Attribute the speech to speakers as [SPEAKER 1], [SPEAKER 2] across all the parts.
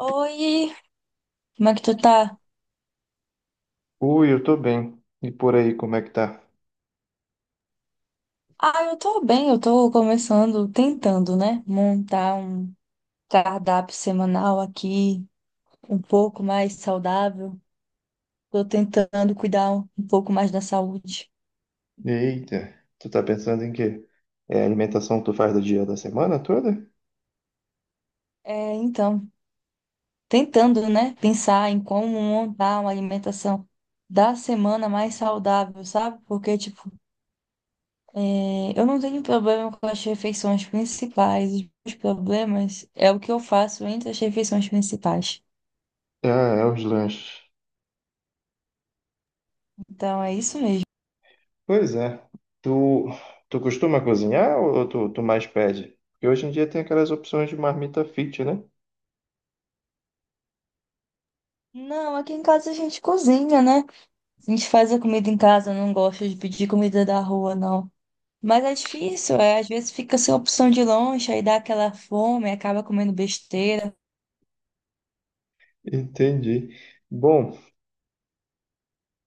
[SPEAKER 1] Oi, como é que tu tá?
[SPEAKER 2] Ui, eu tô bem. E por aí, como é que tá?
[SPEAKER 1] Ah, eu tô bem, eu tô começando, tentando, né, montar um cardápio semanal aqui, um pouco mais saudável. Tô tentando cuidar um pouco mais da saúde.
[SPEAKER 2] Eita, tu tá pensando em quê? É a alimentação que tu faz do dia da semana toda?
[SPEAKER 1] É, então, tentando, né, pensar em como montar uma alimentação da semana mais saudável, sabe? Porque, tipo, é, eu não tenho problema com as refeições principais. Os meus problemas é o que eu faço entre as refeições principais.
[SPEAKER 2] Ah, é os lanches.
[SPEAKER 1] Então, é isso mesmo.
[SPEAKER 2] Pois é. Tu, tu costuma cozinhar ou tu mais pede? Porque hoje em dia tem aquelas opções de marmita fit, né?
[SPEAKER 1] Não, aqui em casa a gente cozinha, né? A gente faz a comida em casa, não gosta de pedir comida da rua, não. Mas é difícil, é. Às vezes fica sem opção de lanche, aí dá aquela fome, acaba comendo besteira.
[SPEAKER 2] Entendi. Bom,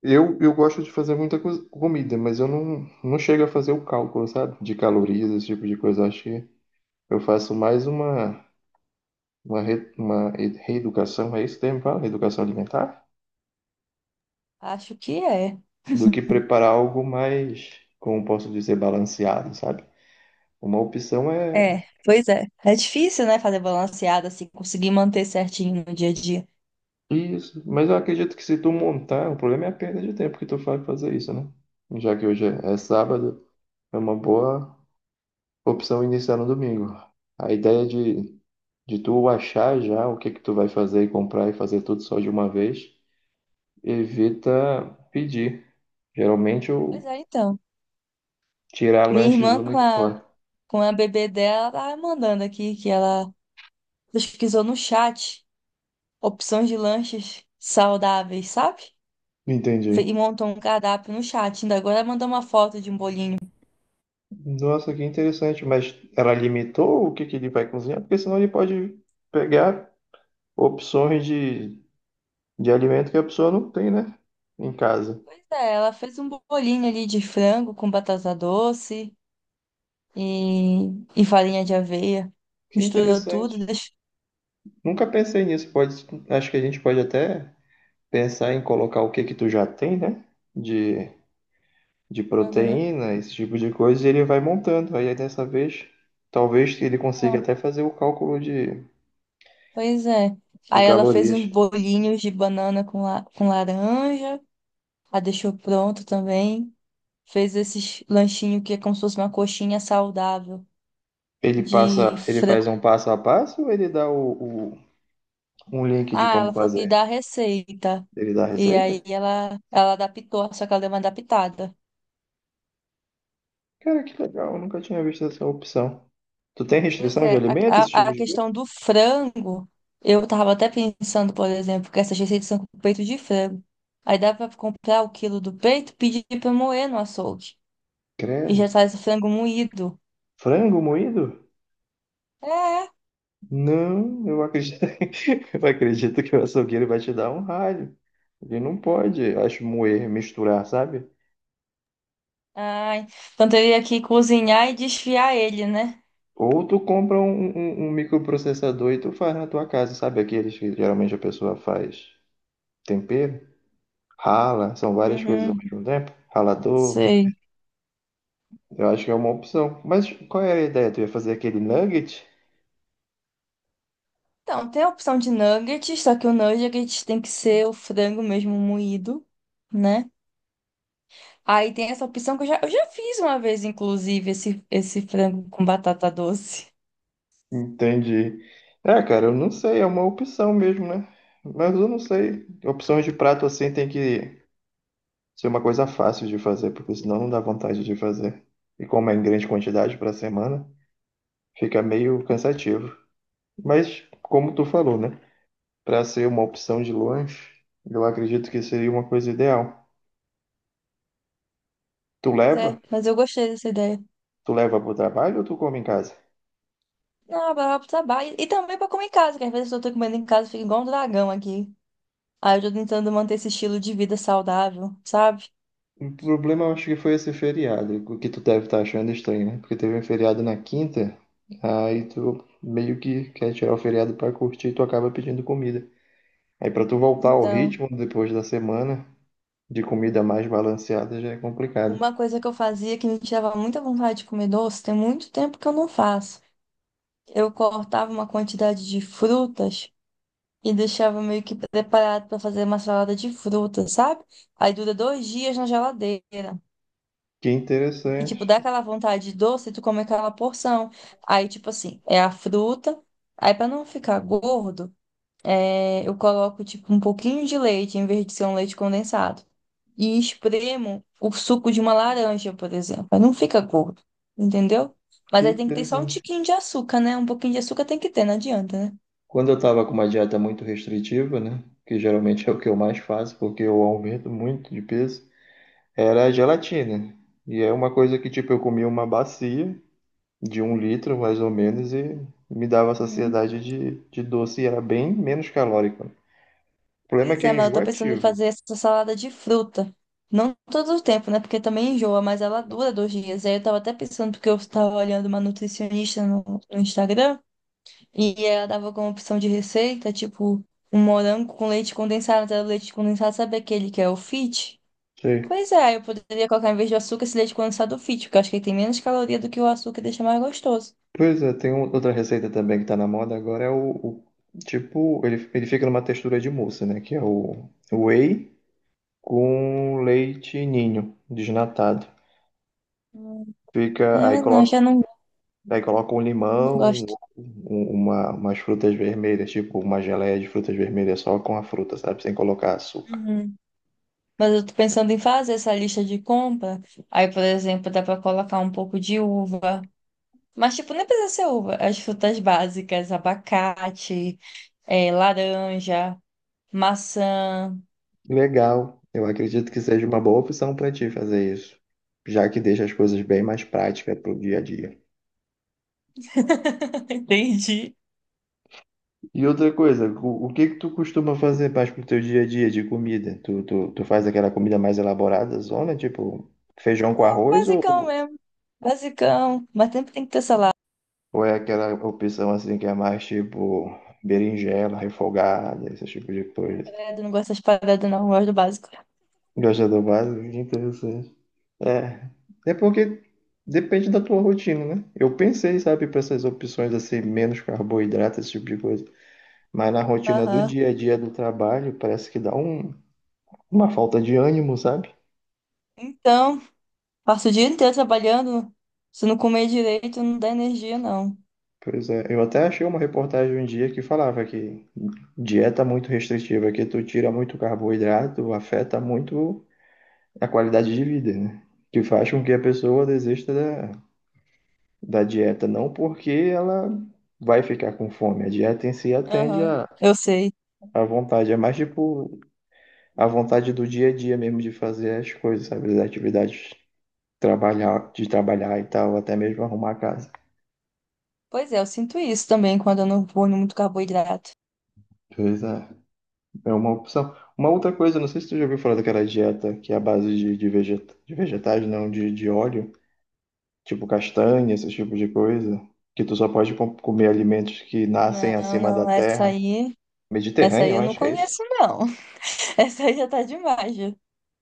[SPEAKER 2] eu gosto de fazer muita comida, mas eu não chego a fazer o cálculo, sabe? De calorias, esse tipo de coisa. Acho que eu faço mais uma. Uma, re- uma e- reeducação, é isso o termo que fala? Reeducação alimentar?
[SPEAKER 1] Acho que é.
[SPEAKER 2] Do que preparar algo mais, como posso dizer, balanceado, sabe? Uma opção
[SPEAKER 1] É,
[SPEAKER 2] é
[SPEAKER 1] pois é. É difícil, né, fazer balanceado, assim, conseguir manter certinho no dia a dia.
[SPEAKER 2] isso, mas eu acredito que se tu montar, o problema é a perda de tempo que tu faz pra fazer isso, né? Já que hoje é sábado, é uma boa opção iniciar no domingo. A ideia de tu achar já o que que tu vai fazer e comprar e fazer tudo só de uma vez, evita pedir. Geralmente
[SPEAKER 1] Pois
[SPEAKER 2] eu
[SPEAKER 1] é, então.
[SPEAKER 2] tirar
[SPEAKER 1] Minha
[SPEAKER 2] lanches
[SPEAKER 1] irmã com
[SPEAKER 2] muito
[SPEAKER 1] a
[SPEAKER 2] fora.
[SPEAKER 1] com a bebê dela tá mandando aqui que ela pesquisou no chat opções de lanches saudáveis, sabe? E
[SPEAKER 2] Entendi.
[SPEAKER 1] montou um cardápio no chat. Ainda agora ela mandou uma foto de um bolinho.
[SPEAKER 2] Nossa, que interessante. Mas ela limitou o que que ele vai cozinhar? Porque senão ele pode pegar opções de alimento que a pessoa não tem, né? Em casa.
[SPEAKER 1] Pois é, ela fez um bolinho ali de frango com batata doce e, e farinha de aveia.
[SPEAKER 2] Que
[SPEAKER 1] Misturou
[SPEAKER 2] interessante.
[SPEAKER 1] tudo, deixou.
[SPEAKER 2] Nunca pensei nisso. Pode, acho que a gente pode até pensar em colocar o que que tu já tem, né? De, de
[SPEAKER 1] Aham.
[SPEAKER 2] proteína, esse tipo de coisa, e ele vai montando. Aí dessa vez, talvez ele consiga
[SPEAKER 1] Ah,
[SPEAKER 2] até fazer o cálculo de,
[SPEAKER 1] pois é.
[SPEAKER 2] de
[SPEAKER 1] Aí ela fez
[SPEAKER 2] calorias.
[SPEAKER 1] uns bolinhos de banana com, com laranja, a deixou pronto também. Fez esses lanchinhos que é como se fosse uma coxinha saudável
[SPEAKER 2] Ele
[SPEAKER 1] de
[SPEAKER 2] passa, ele faz
[SPEAKER 1] frango.
[SPEAKER 2] um passo a passo ou ele dá um link de
[SPEAKER 1] Ah,
[SPEAKER 2] como
[SPEAKER 1] ela falou que dá
[SPEAKER 2] fazer.
[SPEAKER 1] a receita.
[SPEAKER 2] Ele dá a
[SPEAKER 1] E aí
[SPEAKER 2] receita?
[SPEAKER 1] ela adaptou, só que ela deu uma adaptada.
[SPEAKER 2] Cara, que legal, eu nunca tinha visto essa opção. Tu tem
[SPEAKER 1] Pois
[SPEAKER 2] restrição de
[SPEAKER 1] é, a,
[SPEAKER 2] alimentos, esse
[SPEAKER 1] a,
[SPEAKER 2] tipo
[SPEAKER 1] a
[SPEAKER 2] de coisa?
[SPEAKER 1] questão do frango, eu tava até pensando, por exemplo, que essas receitas são com peito de frango. Aí dá pra comprar o quilo do peito, pedir pra moer no açougue. E já
[SPEAKER 2] Credo.
[SPEAKER 1] traz o frango moído.
[SPEAKER 2] Frango moído?
[SPEAKER 1] É.
[SPEAKER 2] Não, eu acredito, eu acredito que o açougueiro vai te dar um ralho. Ele não pode, acho, moer, misturar, sabe?
[SPEAKER 1] Ai, então teria que cozinhar e desfiar ele, né?
[SPEAKER 2] Ou tu compra um microprocessador e tu faz na tua casa, sabe? Aqueles que geralmente a pessoa faz tempero, rala, são várias coisas ao
[SPEAKER 1] Uhum,
[SPEAKER 2] mesmo tempo. Ralador,
[SPEAKER 1] sei.
[SPEAKER 2] eu acho que é uma opção. Mas qual era a ideia? Tu ia fazer aquele nugget?
[SPEAKER 1] Então, tem a opção de nuggets, só que o nuggets tem que ser o frango mesmo moído, né? Aí tem essa opção que eu já fiz uma vez, inclusive, esse frango com batata doce.
[SPEAKER 2] Entendi. É, cara, eu não sei, é uma opção mesmo, né? Mas eu não sei. Opções de prato assim tem que ser uma coisa fácil de fazer, porque senão não dá vontade de fazer. E como é em grande quantidade para semana, fica meio cansativo. Mas como tu falou, né? Para ser uma opção de lanche, eu acredito que seria uma coisa ideal. Tu
[SPEAKER 1] Pois é,
[SPEAKER 2] leva?
[SPEAKER 1] mas eu gostei dessa ideia.
[SPEAKER 2] Tu leva pro trabalho ou tu come em casa?
[SPEAKER 1] Ah, blá, blá, e também pra comer em casa, que às vezes eu tô comendo em casa, fica igual um dragão aqui. Aí eu tô tentando manter esse estilo de vida saudável, sabe?
[SPEAKER 2] O problema eu acho que foi esse feriado, o que tu deve estar achando estranho, né? Porque teve um feriado na quinta, aí tu meio que quer tirar o feriado pra curtir, e tu acaba pedindo comida. Aí pra tu voltar ao
[SPEAKER 1] Então,
[SPEAKER 2] ritmo depois da semana de comida mais balanceada já é complicado.
[SPEAKER 1] uma coisa que eu fazia que me tirava muita vontade de comer doce, tem muito tempo que eu não faço. Eu cortava uma quantidade de frutas e deixava meio que preparado para fazer uma salada de frutas, sabe? Aí dura dois dias na geladeira.
[SPEAKER 2] Que
[SPEAKER 1] E,
[SPEAKER 2] interessante,
[SPEAKER 1] tipo, dá aquela vontade de doce, tu come aquela porção. Aí, tipo assim, é a fruta. Aí, para não ficar gordo, é, eu coloco, tipo, um pouquinho de leite, em vez de ser um leite condensado. E espremo o suco de uma laranja, por exemplo. Aí não fica gordo, entendeu? Mas
[SPEAKER 2] que
[SPEAKER 1] aí tem que ter só um
[SPEAKER 2] interessante.
[SPEAKER 1] tiquinho de açúcar, né? Um pouquinho de açúcar tem que ter, não adianta, né?
[SPEAKER 2] Quando eu tava com uma dieta muito restritiva, né? Que geralmente é o que eu mais faço, porque eu aumento muito de peso, era a gelatina. E é uma coisa que, tipo, eu comia uma bacia de 1 litro, mais ou menos, e me dava
[SPEAKER 1] Uhum.
[SPEAKER 2] saciedade de doce e era bem menos calórico. O problema é
[SPEAKER 1] Pois
[SPEAKER 2] que
[SPEAKER 1] é,
[SPEAKER 2] é
[SPEAKER 1] mas eu tô pensando em
[SPEAKER 2] enjoativo.
[SPEAKER 1] fazer essa salada de fruta. Não todo o tempo, né? Porque também enjoa, mas ela dura dois dias. Aí eu tava até pensando, porque eu tava olhando uma nutricionista no Instagram, e ela dava como opção de receita, tipo, um morango com leite condensado. Mas era o leite condensado, sabe aquele que é o Fit?
[SPEAKER 2] Sei.
[SPEAKER 1] Pois é, aí eu poderia colocar em vez do açúcar esse leite condensado Fit, porque eu acho que ele tem menos caloria do que o açúcar e deixa mais gostoso.
[SPEAKER 2] Pois é, tem outra receita também que tá na moda agora, tipo, ele fica numa textura de mousse, né? Que é o whey com leite ninho desnatado.
[SPEAKER 1] Hum.
[SPEAKER 2] Fica,
[SPEAKER 1] É, não, já não,
[SPEAKER 2] aí coloca um
[SPEAKER 1] não
[SPEAKER 2] limão,
[SPEAKER 1] gosto.
[SPEAKER 2] um-, umas frutas vermelhas, tipo uma geleia de frutas vermelhas só com a fruta, sabe? Sem colocar açúcar.
[SPEAKER 1] Uhum. Mas eu tô pensando em fazer essa lista de compra. Aí, por exemplo, dá pra colocar um pouco de uva. Mas, tipo, nem precisa ser uva. As frutas básicas, abacate, laranja, maçã.
[SPEAKER 2] Legal. Eu acredito que seja uma boa opção para ti fazer isso, já que deixa as coisas bem mais práticas para o dia a dia.
[SPEAKER 1] Entendi.
[SPEAKER 2] E outra coisa, o que que tu costuma fazer mais pro teu dia a dia de comida? Tu faz aquela comida mais elaborada, zona, tipo feijão com arroz,
[SPEAKER 1] Basicão mesmo, basicão. Mas sempre tem que ter salada.
[SPEAKER 2] ou é aquela opção assim que é mais tipo berinjela, refogada, esse tipo de coisa?
[SPEAKER 1] Credo, não gosto das paradas, não. Eu gosto do básico.
[SPEAKER 2] Gosta do básico? Que interessante. É, é porque depende da tua rotina, né? Eu pensei, sabe, para essas opções assim, menos carboidrato, esse tipo de coisa. Mas na rotina do
[SPEAKER 1] Aham.
[SPEAKER 2] dia a dia do trabalho, parece que dá uma falta de ânimo, sabe?
[SPEAKER 1] Então, passo o dia inteiro trabalhando. Se não comer direito, não dá energia, não.
[SPEAKER 2] Pois é, eu até achei uma reportagem um dia que falava que dieta muito restritiva, que tu tira muito carboidrato, afeta muito a qualidade de vida, né? Que faz com que a pessoa desista da dieta, não porque ela vai ficar com fome. A dieta em si atende
[SPEAKER 1] Aham.
[SPEAKER 2] à
[SPEAKER 1] Eu sei.
[SPEAKER 2] à vontade, é mais tipo a vontade do dia a dia mesmo de fazer as coisas, sabe? As atividades, de trabalhar e tal, até mesmo arrumar a casa.
[SPEAKER 1] Pois é, eu sinto isso também quando eu não vou muito carboidrato.
[SPEAKER 2] Pois é, é uma opção. Uma outra coisa, não sei se tu já ouviu falar daquela dieta que é a base de vegetais, não, de óleo, tipo castanha, esse tipo de coisa, que tu só pode comer alimentos que nascem
[SPEAKER 1] Não,
[SPEAKER 2] acima da
[SPEAKER 1] não,
[SPEAKER 2] terra.
[SPEAKER 1] essa
[SPEAKER 2] Mediterrânea,
[SPEAKER 1] aí
[SPEAKER 2] eu
[SPEAKER 1] eu não
[SPEAKER 2] acho que é isso.
[SPEAKER 1] conheço, não. Essa aí já tá demais, já.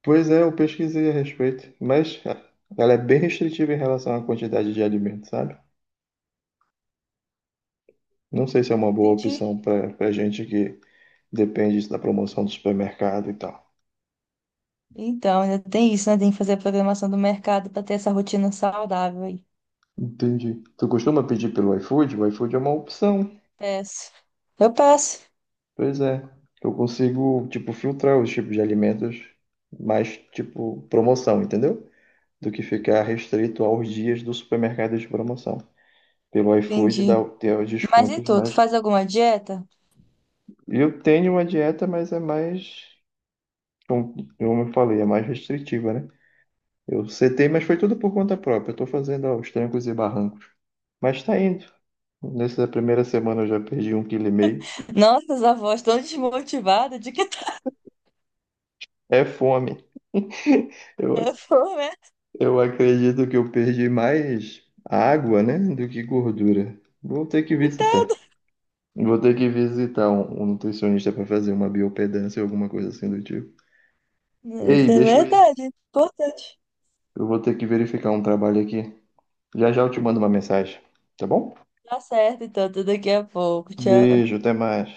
[SPEAKER 2] Pois é, eu pesquisei a respeito, mas ah, ela é bem restritiva em relação à quantidade de alimento, sabe? Não sei se é uma boa
[SPEAKER 1] Entendi.
[SPEAKER 2] opção para para gente que depende da promoção do supermercado e tal.
[SPEAKER 1] Então, ainda tem isso, né? Tem que fazer a programação do mercado pra ter essa rotina saudável aí.
[SPEAKER 2] Entendi. Tu costuma pedir pelo iFood? O iFood é uma opção.
[SPEAKER 1] Peço. Eu peço.
[SPEAKER 2] Pois é. Eu consigo, tipo, filtrar os tipos de alimentos mais, tipo, promoção, entendeu? Do que ficar restrito aos dias do supermercado de promoção. Pelo iFood
[SPEAKER 1] Entendi.
[SPEAKER 2] dá, tem os
[SPEAKER 1] Mas e
[SPEAKER 2] descontos
[SPEAKER 1] tu, tu
[SPEAKER 2] mais.
[SPEAKER 1] faz alguma dieta?
[SPEAKER 2] Eu tenho uma dieta, mas é mais como eu falei, é mais restritiva, né? Eu setei, mas foi tudo por conta própria. Eu tô fazendo aos trancos e barrancos. Mas tá indo. Nessa primeira semana eu já perdi um quilo e meio.
[SPEAKER 1] Nossa, as avós tão desmotivadas de que tá.
[SPEAKER 2] É fome.
[SPEAKER 1] Eu
[SPEAKER 2] Eu,
[SPEAKER 1] vou, né?
[SPEAKER 2] eu acredito que eu perdi mais água, né, do que gordura. Vou ter que
[SPEAKER 1] Então,
[SPEAKER 2] visitar. Vou ter que visitar um nutricionista para fazer uma biopedância ou alguma coisa assim do tipo. Ei,
[SPEAKER 1] isso é
[SPEAKER 2] deixa eu ir.
[SPEAKER 1] verdade. Importante.
[SPEAKER 2] Eu vou ter que verificar um trabalho aqui. Já já eu te mando uma mensagem, tá bom?
[SPEAKER 1] Tá certo, então, até daqui a pouco. Tchau.
[SPEAKER 2] Beijo, até mais.